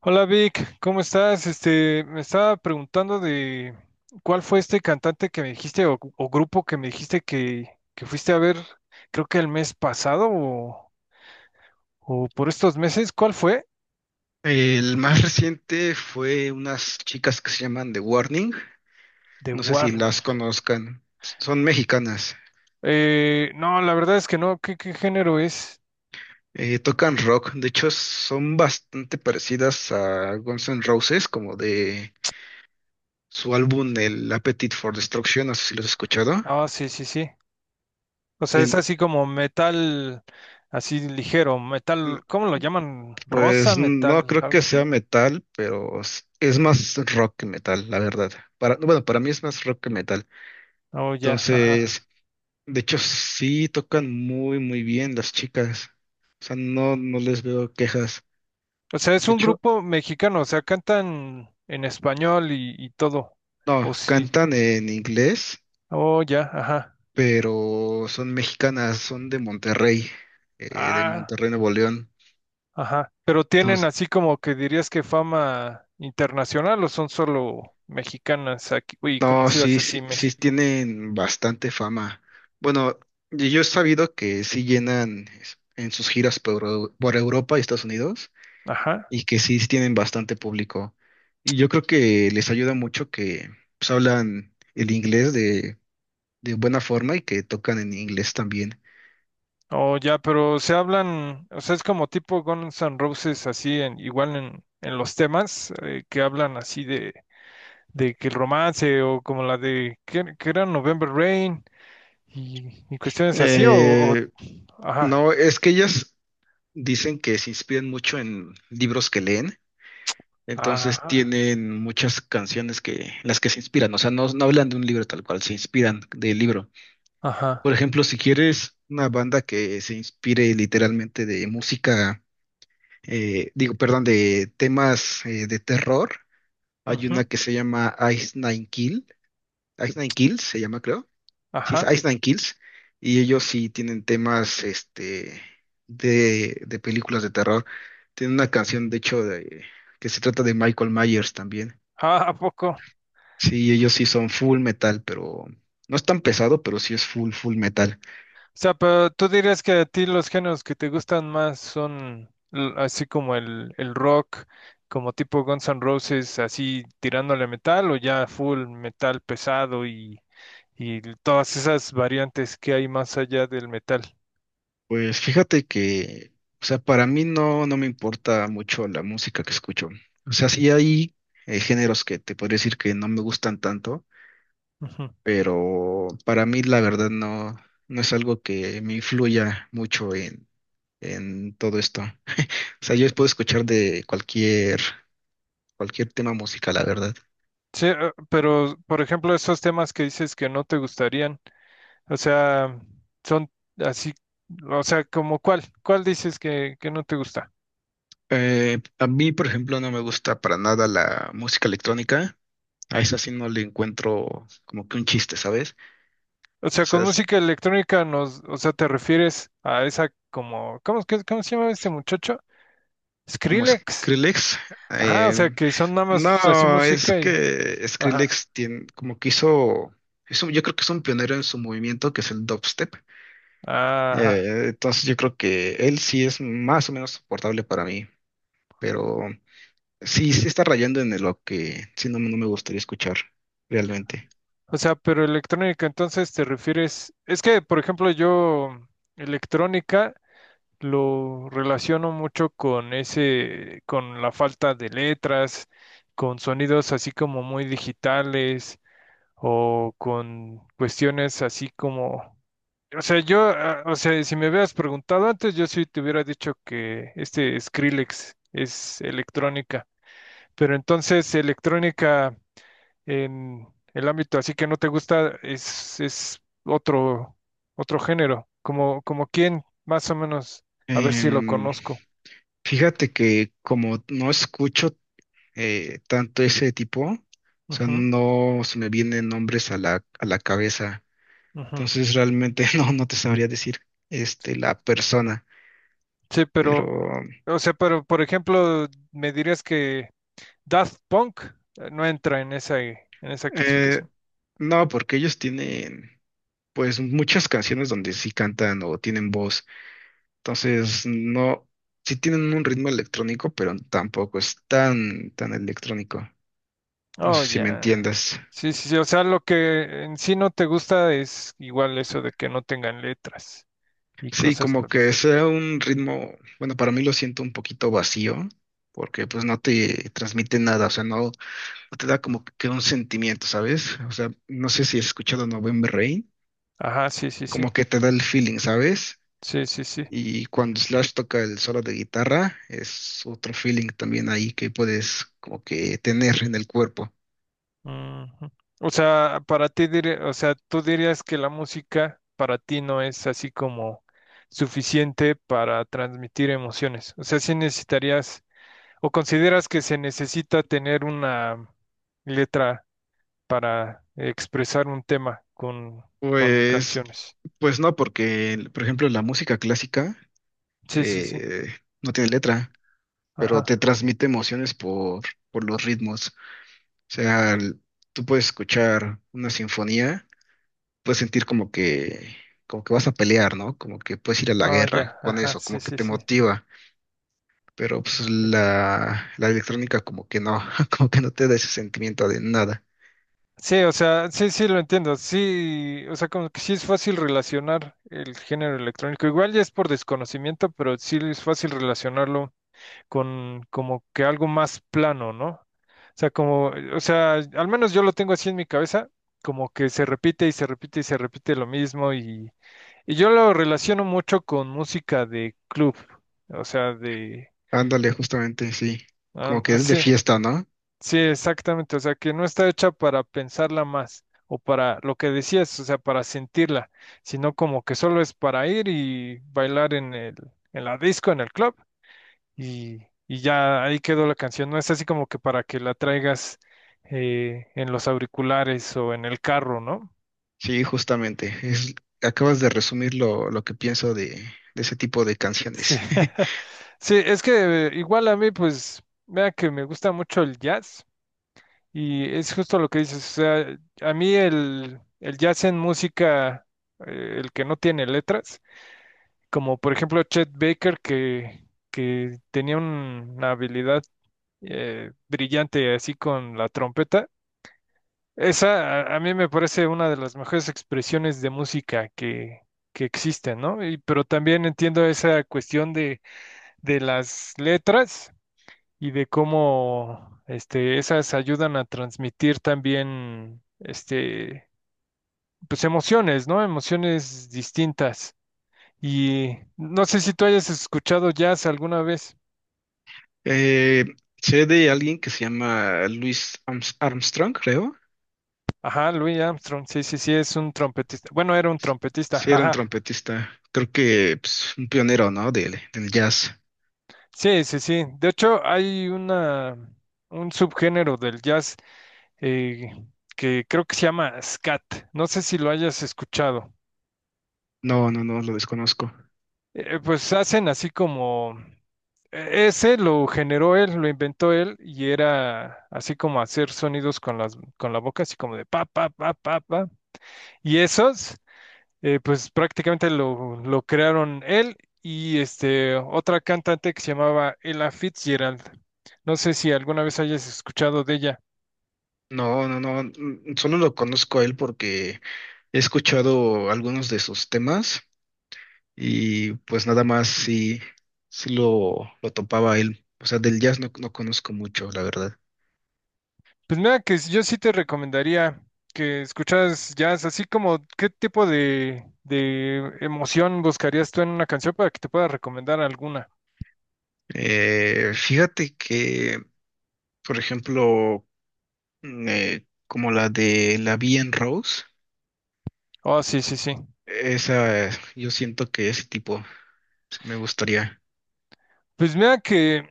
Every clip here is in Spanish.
Hola Vic, ¿cómo estás? Me estaba preguntando de cuál fue este cantante que me dijiste o grupo que me dijiste que fuiste a ver, creo que el mes pasado o por estos meses, ¿cuál fue? El más reciente fue unas chicas que se llaman The Warning. The No sé si Warning. las conozcan. Son mexicanas. No, la verdad es que no, ¿qué género es? Tocan rock. De hecho, son bastante parecidas a Guns N' Roses, como de su álbum El Appetite for Destruction. No sé si los has escuchado. Ah, sí, sí, sí. O sea, es En- así como metal, así ligero, metal, ¿cómo lo llaman? Rosa pues no metal, creo algo que sea así. metal, pero es más rock que metal, la verdad. Para, bueno, para mí es más rock que metal. Oh, ya, ajá. Entonces. De hecho, sí tocan muy, muy bien las chicas. O sea, no, no les veo quejas. O sea, es De un hecho, grupo mexicano, o sea, cantan en español y todo. no, O sí. cantan en inglés, Oh, ya, ajá. pero son mexicanas, son de Ah, Monterrey, Nuevo León. ajá. Pero tienen Entonces, así como que dirías que fama internacional o son solo mexicanas aquí, uy, no, conocidas sí, así sí, en sí México. tienen bastante fama. Bueno, y yo he sabido que sí llenan en sus giras por, por Europa y Estados Unidos. Ajá. Y que sí tienen bastante público. Y yo creo que les ayuda mucho que pues, hablan el inglés de buena forma y que tocan en inglés también. Oh, ya, pero se hablan, o sea, es como tipo Guns N' Roses así, en, igual en los temas que hablan así de que el romance o como la de, ¿que era? ¿November Rain? Y cuestiones así o. Eh, Ajá, no, es que ellas dicen que se inspiran mucho en libros que leen, entonces ajá, tienen muchas canciones que se inspiran, o sea, no, no hablan de un libro tal cual, se inspiran del libro. ajá, Por ejemplo, si quieres una banda que se inspire literalmente de temas de terror. Hay una ujú, que se llama Ice Nine Kills se llama, creo. Sí, es ajá, Ice Nine Kills. Y ellos sí tienen temas de películas de terror. Tienen una canción, de hecho, que se trata de Michael Myers también. ah, ¿a poco? Sí, ellos sí son full metal, pero no es tan pesado, pero sí es full, full metal. O sea, pero tú dirías que a ti los géneros que te gustan más son así como el rock, como tipo Guns N' Roses, así tirándole metal o ya full metal pesado y todas esas variantes que hay más allá del metal. Pues fíjate que, o sea, para mí no, no me importa mucho la música que escucho. O sea, sí hay géneros que te podría decir que no me gustan tanto, Ujú. pero para mí la verdad no, no es algo que me influya mucho en todo esto. O sea, yo puedo escuchar de cualquier tema musical, la verdad. Sí, pero por ejemplo, esos temas que dices que no te gustarían. O sea, son así, o sea, como cuál, cuál dices que no te gusta. A mí, por ejemplo, no me gusta para nada la música electrónica. A esa sí no le encuentro como que un chiste, ¿sabes? O O sea, sea, con música electrónica nos, o sea, te refieres a esa como, ¿cómo, cómo se llama este muchacho? como Skrillex. Skrillex. Ajá, o eh, sea, que son nada más así no, es música que ajá, Skrillex tiene, como que hizo, yo creo que es un pionero en su movimiento que es el dubstep. ajá. Entonces yo creo que él sí es más o menos soportable para mí, pero sí, sí está rayando en lo que sí no, no me gustaría escuchar realmente. O sea, pero electrónica, entonces te refieres, es que, por ejemplo, yo, electrónica. Lo relaciono mucho con ese, con la falta de letras, con sonidos así como muy digitales o con cuestiones así como, o sea, yo, ah, o sea, si me hubieras preguntado antes, yo sí te hubiera dicho que este Skrillex es electrónica, pero entonces electrónica en el ámbito así que no te gusta es otro, otro género, como, como quién, más o menos, a ver si lo Em, conozco. Fíjate que como no escucho tanto ese tipo, o sea, Ujú, no se me vienen nombres a a la cabeza. ujú. Entonces realmente no, no te sabría decir la persona, Sí, pero pero, o sea, pero por ejemplo, me dirías que Daft Punk no entra en esa eh, clasificación. no, porque ellos tienen pues muchas canciones donde sí cantan o tienen voz. Entonces no, sí tienen un ritmo electrónico, pero tampoco es tan electrónico. No Oh, sé si me ya. entiendas. Sí, sí, sí, o sea, lo que en sí no te gusta es igual eso de que no tengan letras y Sí, cosas como por que eso. sea un ritmo, bueno, para mí lo siento un poquito vacío, porque pues no te transmite nada, o sea, no. Te da como que un sentimiento, ¿sabes? O sea, no sé si has escuchado November Rain, Ajá, sí, sí, sí. como que te da el feeling, ¿sabes? Sí, sí, sí. Y cuando Slash toca el solo de guitarra, es otro feeling también ahí que puedes como que tener en el cuerpo. Ujú. O sea, para ti, o sea, tú dirías que la música para ti no es así como suficiente para transmitir emociones. O sea, sí necesitarías ¿o consideras que se necesita tener una letra para expresar un tema con Pues, canciones? pues no, porque, por ejemplo, la música clásica Sí, sí, sí. eh, no tiene letra, pero Ajá. te transmite emociones por los ritmos. O sea, tú puedes escuchar una sinfonía, puedes sentir como que vas a pelear, ¿no? Como que puedes ir a la Ah, guerra ya, con ajá, eso, sí, como que sí, te sí. motiva. Pero pues Perfecto. la electrónica como que no, como que no te da ese sentimiento de nada. Sí, o sea, sí, sí, lo entiendo. Sí, o sea, como que sí es fácil relacionar el género electrónico. Igual ya es por desconocimiento, pero sí es fácil relacionarlo con como que algo más plano, ¿no? O sea, como, o sea, al menos yo lo tengo así en mi cabeza, como que se repite y se repite y se repite lo mismo y yo lo relaciono mucho con música de club, o sea, de, Ándale, justamente, sí. Como ah, que ah, es de sí, fiesta, ¿no? sí, exactamente, o sea, que no está hecha para pensarla más o para lo que decías, o sea, para sentirla, sino como que solo es para ir y bailar en la disco, en el club y, y ya ahí quedó la canción. No es así como que para que la traigas en los auriculares o en el carro, ¿no? Sí, justamente. Es, acabas de resumir lo que pienso de ese tipo de Sí, canciones. sí, es que igual a mí, pues, vea que me gusta mucho el jazz y es justo lo que dices, o sea, a mí el jazz en música, el que no tiene letras, como por ejemplo Chet Baker que tenía una habilidad brillante así con la trompeta. Esa a mí me parece una de las mejores expresiones de música que existen, ¿no? Y, pero también entiendo esa cuestión de las letras y de cómo este, esas ayudan a transmitir también este, pues emociones, ¿no? Emociones distintas. Y no sé si tú hayas escuchado jazz alguna vez. Eh, Sé de alguien que se llama Armstrong, creo. Ajá, Louis Armstrong, sí, sí, sí, es un trompetista. Bueno, era un trompetista, Sí, era un ajá. trompetista. Creo que pues, un pionero, ¿no? Del, del jazz. Sí, sí, sí. De hecho, hay una, un subgénero del jazz eh, que creo que se llama scat. No sé si lo hayas escuchado. No, no, no, lo desconozco. Pues hacen así como... Ese lo generó él, lo inventó él y era así como hacer sonidos con las, con la boca, así como de pa, pa, pa, pa, pa. Y esos, pues prácticamente lo crearon él y este, otra cantante que se llamaba Ella Fitzgerald. No sé si alguna vez hayas escuchado de ella. No, no, no, mm, solo lo conozco a él porque he escuchado algunos de sus temas y pues nada más sí, sí lo topaba a él. O sea, del jazz no, no conozco mucho, la verdad. Pues mira que yo sí te recomendaría que escucharas jazz, así como qué tipo de emoción buscarías tú en una canción para que te pueda recomendar alguna. Fíjate que, por ejemplo, mm, como la de La Vie en Rose, Oh, sí, sí, sí. esa yo siento que ese tipo sí me gustaría. Pues mira que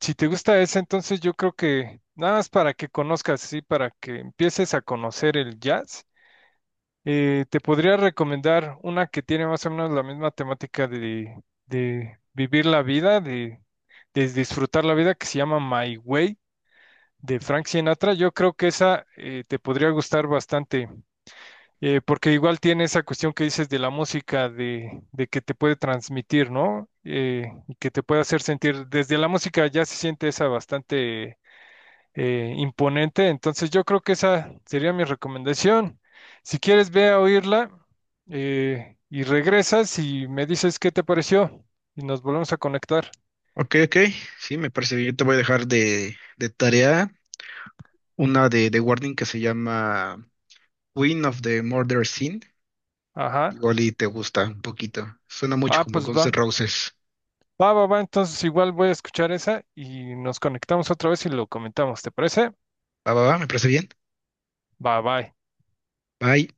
si te gusta esa, entonces yo creo que nada más para que conozcas, sí, para que empieces a conocer el jazz, te podría recomendar una que tiene más o menos la misma temática de vivir la vida, de disfrutar la vida, que se llama My Way. De Frank Sinatra, yo creo que esa te podría gustar bastante, porque igual tiene esa cuestión que dices de la música, de que te puede transmitir, ¿no? Y que te puede hacer sentir, desde la música ya se siente esa bastante imponente, entonces yo creo que esa sería mi recomendación. Si quieres, ve a oírla y regresas y me dices qué te pareció y nos volvemos a conectar. Ok, ok, sí, me parece bien. Yo te voy a dejar de tarea una de The Warning que se llama Queen of the Murder Scene. Ajá. Igual y te gusta un poquito. Suena mucho Ah, como pues Guns va. N' Roses. Va, va, va, entonces igual voy a escuchar esa y nos conectamos otra vez y lo comentamos, ¿te parece? Va, va, va, me parece bien. Va, bye. Bye.